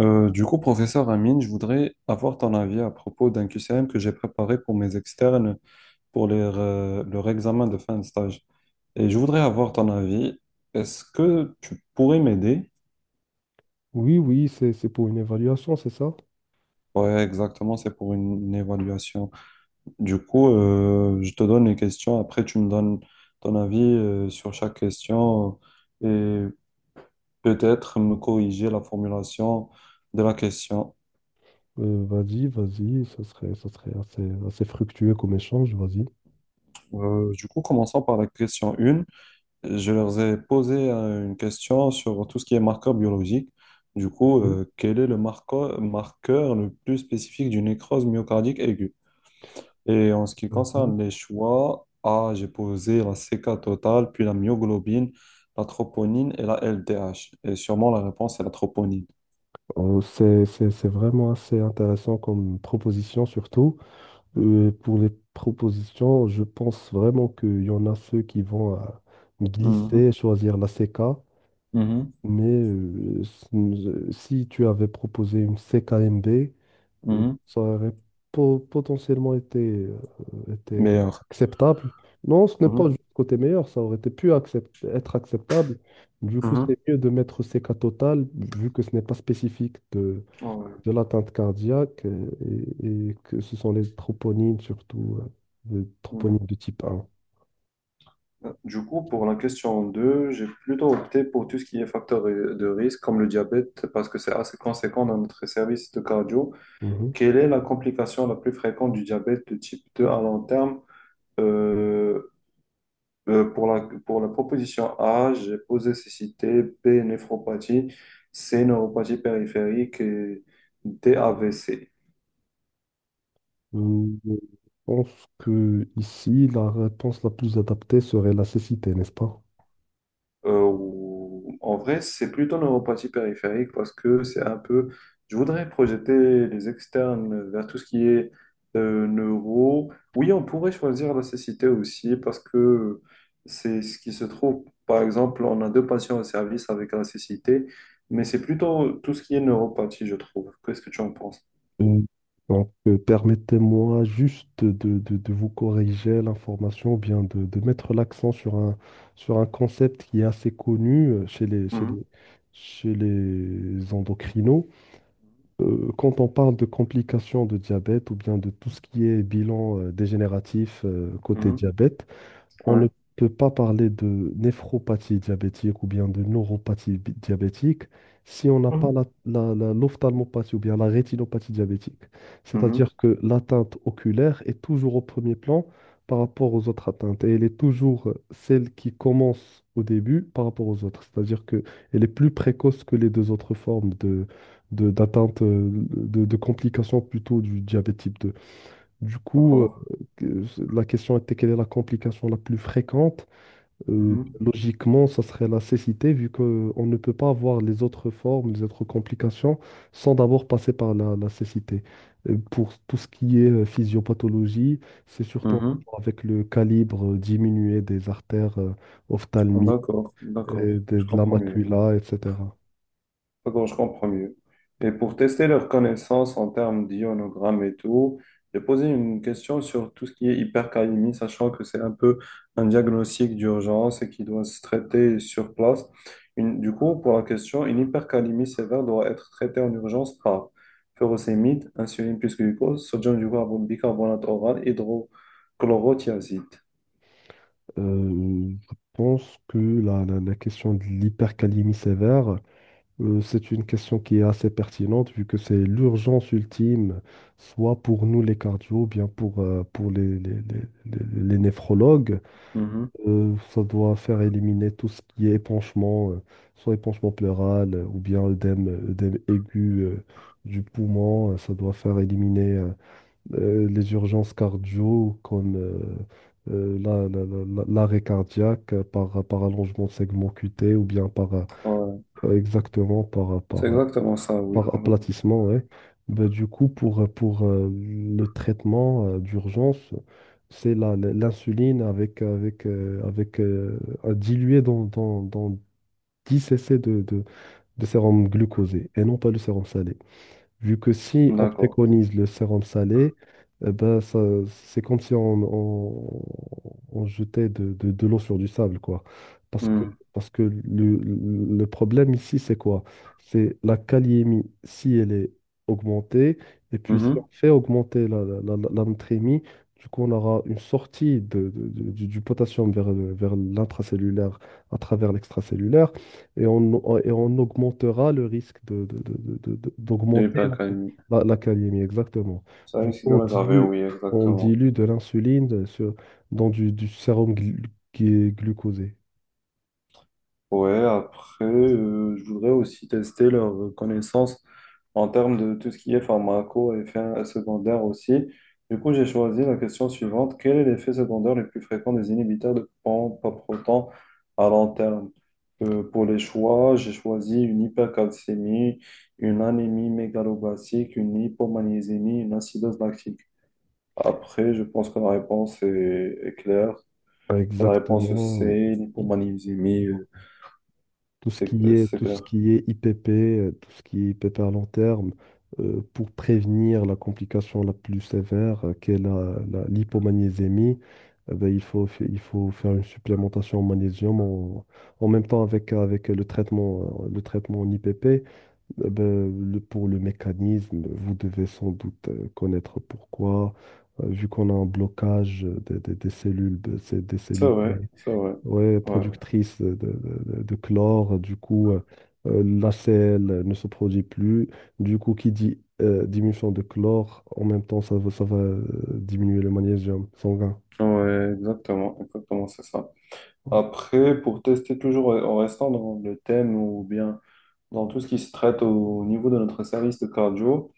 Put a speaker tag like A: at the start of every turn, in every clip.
A: Du coup, professeur Amine, je voudrais avoir ton avis à propos d'un QCM que j'ai préparé pour mes externes pour leur examen de fin de stage. Et je voudrais avoir ton avis. Est-ce que tu pourrais m'aider?
B: Oui, oui, c'est pour une évaluation, c'est ça?
A: Ouais, exactement, c'est pour une évaluation. Du coup, je te donne les questions. Après, tu me donnes ton avis, sur chaque question, et peut-être me corriger la formulation de la question.
B: Vas-y, vas-y, ça serait assez fructueux comme échange, vas-y.
A: Du coup, commençons par la question 1. Je leur ai posé une question sur tout ce qui est marqueur biologique. Du coup,
B: Mhm,
A: quel est le marqueur le plus spécifique d'une nécrose myocardique aiguë? Et en ce qui
B: mhm.
A: concerne les choix, A, j'ai posé la CK totale, puis la myoglobine, la troponine et la LDH. Et sûrement la réponse est la troponine.
B: C'est vraiment assez intéressant comme proposition, surtout. Pour les propositions, je pense vraiment qu'il y en a ceux qui vont
A: Mhm.
B: glisser, choisir la CK,
A: Mhm.
B: mais si tu avais proposé une CKMB,
A: Mhm.
B: ça aurait potentiellement été
A: Meilleur.
B: acceptable. Non, ce n'est pas
A: Mhm.
B: juste côté meilleur, ça aurait été pu accept être acceptable. Du coup, c'est
A: Mhm.
B: mieux de mettre CK total, vu que ce n'est pas spécifique de,
A: Ouais.
B: de l'atteinte cardiaque, et que ce sont les troponines, surtout les
A: Mhm.
B: troponines de type 1.
A: Du coup, pour la question 2, j'ai plutôt opté pour tout ce qui est facteur de risque, comme le diabète, parce que c'est assez conséquent dans notre service de cardio.
B: Mhm.
A: Quelle est la complication la plus fréquente du diabète de type 2 à long terme? Euh, pour la proposition A, j'ai posé cécité, B, néphropathie, C, neuropathie périphérique et D, AVC.
B: Je pense que ici, la réponse la plus adaptée serait la cécité, n'est-ce pas?
A: En vrai, c'est plutôt neuropathie périphérique parce que c'est un peu. Je voudrais projeter les externes vers tout ce qui est neuro. Oui, on pourrait choisir la cécité aussi parce que c'est ce qui se trouve. Par exemple, on a deux patients au service avec la cécité, mais c'est plutôt tout ce qui est neuropathie, je trouve. Qu'est-ce que tu en penses?
B: Euh, Donc, permettez-moi juste de vous corriger l'information, ou bien de mettre l'accent sur sur un concept qui est assez connu chez les, chez
A: Mhm.
B: les, chez les endocrinos. Quand on parle de complications de diabète ou bien de tout ce qui est bilan, dégénératif, côté
A: Mhm.
B: diabète, on
A: Ouais.
B: ne peut pas parler de néphropathie diabétique ou bien de neuropathie diabétique si on n'a pas
A: Mhm.
B: l'ophtalmopathie ou bien la rétinopathie diabétique.
A: Mhm.
B: C'est-à-dire que l'atteinte oculaire est toujours au premier plan par rapport aux autres atteintes et elle est toujours celle qui commence au début par rapport aux autres. C'est-à-dire que elle est plus précoce que les deux autres formes d'atteinte, de complications plutôt du diabète type 2. Du coup,
A: D'accord.
B: que- la question était quelle est la complication la plus fréquente?
A: Mhm.
B: Logiquement, ça serait la cécité, vu qu'on ne peut pas avoir les autres formes, les autres complications, sans d'abord passer par la cécité. Pour tout ce qui est physiopathologie, c'est surtout en
A: Mhm.
B: rapport avec le calibre, diminué des artères, ophtalmiques
A: D'accord,
B: et
A: d'accord. Je
B: de la
A: comprends mieux.
B: macula, etc.
A: Bon, je comprends mieux. Et pour tester leurs connaissances en termes d'ionogramme et tout, j'ai posé une question sur tout ce qui est hypercalémie, sachant que c'est un peu un diagnostic d'urgence et qui doit se traiter sur place. Du coup, pour la question, une hypercalémie sévère doit être traitée en urgence par furosémide, insuline plus glucose, sodium du bicarbonate oral, hydrochlorothiazide.
B: Je pense que la question de l'hypercalémie sévère, c'est une question qui est assez pertinente vu que c'est l'urgence ultime, soit pour nous les cardio, ou bien pour les néphrologues.
A: Mhm.
B: Ça doit faire éliminer tout ce qui est épanchement, soit épanchement pleural, ou bien œdème aigu du poumon. Ça doit faire éliminer les urgences cardio comme l'arrêt cardiaque par allongement de segment cuté ou bien
A: Ouais.
B: exactement
A: C'est exactement ça, oui,
B: par
A: oui.
B: aplatissement, ouais. Bah, du coup, pour le traitement d'urgence, c'est l'insuline avec, avec, avec à diluer dans 10 cc de sérum glucosé et non pas le sérum salé. Vu que si on
A: D'accord.
B: préconise le sérum salé, eh ben ça, c'est comme si on jetait de l'eau sur du sable, quoi. Parce que,
A: Hmm.
B: Parce que le problème ici, c'est quoi? C'est la kaliémie, si elle est augmentée, et puis si
A: Mhm.
B: on fait augmenter la natrémie, du coup, on aura une sortie du potassium vers l'intracellulaire à travers l'extracellulaire et on augmentera le risque
A: De
B: d'augmenter
A: l'hypercalcémie.
B: la calémie, exactement.
A: Ça
B: Du
A: risque
B: coup,
A: de l'aggraver, oui,
B: on
A: exactement.
B: dilue de l'insuline dans du sérum qui est glucosé.
A: Ouais, après, je voudrais aussi tester leurs connaissances en termes de tout ce qui est pharmaco et effets secondaires aussi. Du coup, j'ai choisi la question suivante. Quel est l'effet secondaire le plus fréquent des inhibiteurs de pompe à proton à long terme? Pour les choix, j'ai choisi une hypercalcémie, une anémie mégaloblastique, une hypomagnésémie, une acidose lactique. Après, je pense que la réponse est claire. C'est la réponse
B: Exactement.
A: C,
B: Euh,
A: l'hypomagnésémie,
B: tout ce qui est,
A: c'est
B: tout ce
A: clair.
B: qui est IPP, tout ce qui est IPP à long terme, pour prévenir la complication la plus sévère, qui est l'hypomagnésémie, eh ben, il faut faire une supplémentation en magnésium en même temps avec le traitement en IPP. Eh ben, pour le mécanisme, vous devez sans doute connaître pourquoi, vu qu'on a un blocage des cellules, des
A: C'est
B: cellules
A: vrai,
B: T.
A: c'est vrai.
B: Ouais,
A: Ouais,
B: productrice de chlore, du coup, la selle ne se produit plus. Du coup, qui dit diminution de chlore, en même temps, ça va diminuer le magnésium sanguin.
A: ouais, exactement, exactement, c'est ça.
B: Ouais,
A: Après, pour tester toujours en restant dans le thème ou bien dans tout ce qui se traite au niveau de notre service de cardio,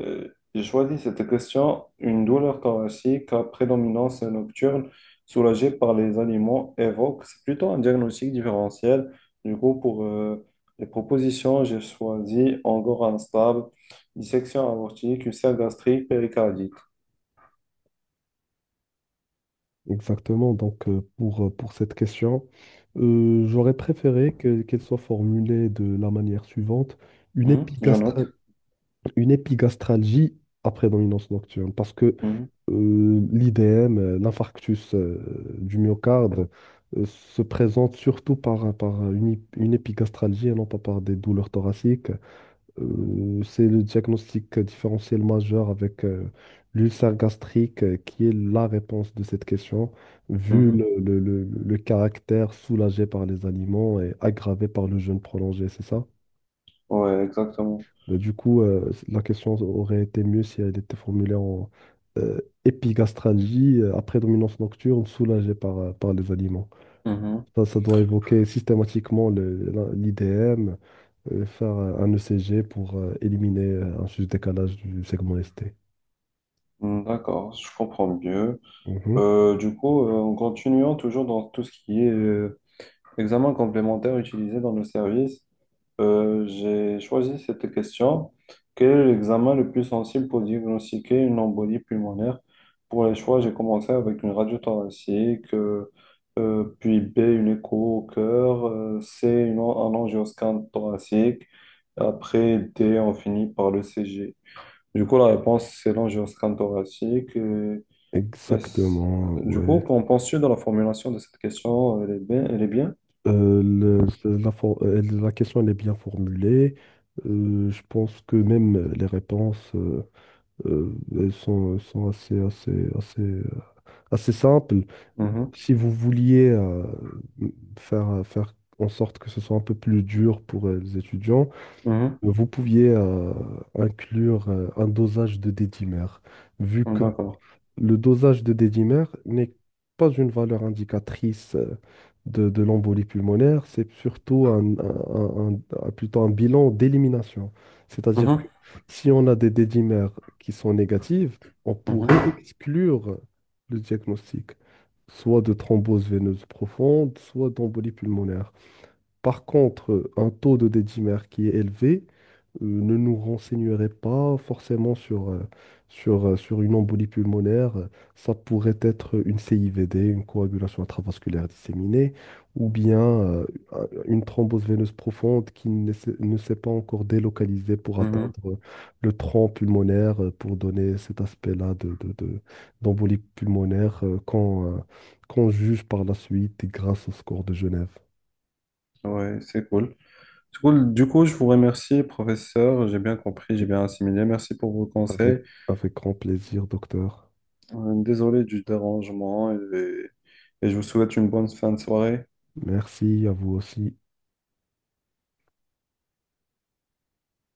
A: Euh, j'ai choisi cette question. Une douleur thoracique à prédominance nocturne soulagée par les aliments évoque. C'est plutôt un diagnostic différentiel. Du coup, pour les propositions, j'ai choisi angor instable, dissection aortique, ulcère gastrique, péricardite.
B: exactement. Donc, pour cette question, j'aurais préféré qu'elle soit formulée de la manière suivante, une
A: Mhm, je
B: épigastra-
A: note.
B: une épigastralgie après dominance nocturne. Parce que
A: Mhm,
B: l'IDM, l'infarctus, du myocarde, se présente surtout par une épigastralgie et non pas par des douleurs thoraciques. C'est le diagnostic différentiel majeur avec l'ulcère gastrique, qui est la réponse de cette question, vu
A: mhm.
B: le caractère soulagé par les aliments et aggravé par le jeûne prolongé, c'est ça?
A: Ouais, exactement.
B: Bah, du coup, la question aurait été mieux si elle était formulée en euh, épigastralgie, à prédominance nocturne, soulagée par les aliments.
A: Mhm.
B: Ça doit évoquer systématiquement l'IDM, faire un ECG pour éliminer un juste décalage du segment ST.
A: Mm, d'accord, je comprends mieux.
B: Mhm.
A: Du coup, en continuant toujours dans tout ce qui est examen complémentaire utilisé dans nos services, j'ai choisi cette question. Quel est l'examen le plus sensible pour diagnostiquer une embolie pulmonaire? Pour les choix, j'ai commencé avec une radio thoracique, puis B, une écho au cœur, C, un angioscan thoracique. Après D, on finit par le CG. Du coup, la réponse, c'est l'angioscan thoracique. Et c-
B: Exactement,
A: du coup,
B: ouais.
A: qu'en penses-tu de la formulation de cette question? Elle est bien? Elle est bien?
B: La question, elle est bien formulée. Je pense que même les réponses, elles sont assez simple.
A: Mhm.
B: Si vous vouliez faire en sorte que ce soit un peu plus dur pour les étudiants, vous pouviez inclure un dosage de dédimère, vu
A: Mhm.
B: que
A: D'accord.
B: le dosage de dédimère n'est pas une valeur indicatrice de l'embolie pulmonaire, c'est surtout plutôt un bilan d'élimination. C'est-à-dire que
A: Mhm.
B: si on a des dédimères qui sont négatives, on pourrait
A: Mhm.
B: exclure le diagnostic, soit de thrombose veineuse profonde, soit d'embolie pulmonaire. Par contre, un taux de dédimère qui est élevé ne nous renseignerait pas forcément sur une embolie pulmonaire. Ça pourrait être une CIVD, une coagulation intravasculaire disséminée, ou bien une thrombose veineuse profonde qui ne s'est pas encore délocalisée pour
A: Mhm.
B: atteindre le tronc pulmonaire, pour donner cet aspect-là d'embolie pulmonaire qu'on juge par la suite grâce au score de Genève.
A: Ouais, c'est cool. C'est cool. Du coup, je vous remercie, professeur. J'ai bien compris, j'ai
B: Oui.
A: bien assimilé. Merci pour vos
B: Avec,
A: conseils.
B: Avec grand plaisir, docteur.
A: Désolé du dérangement et je vous souhaite une bonne fin de soirée.
B: Merci à vous aussi.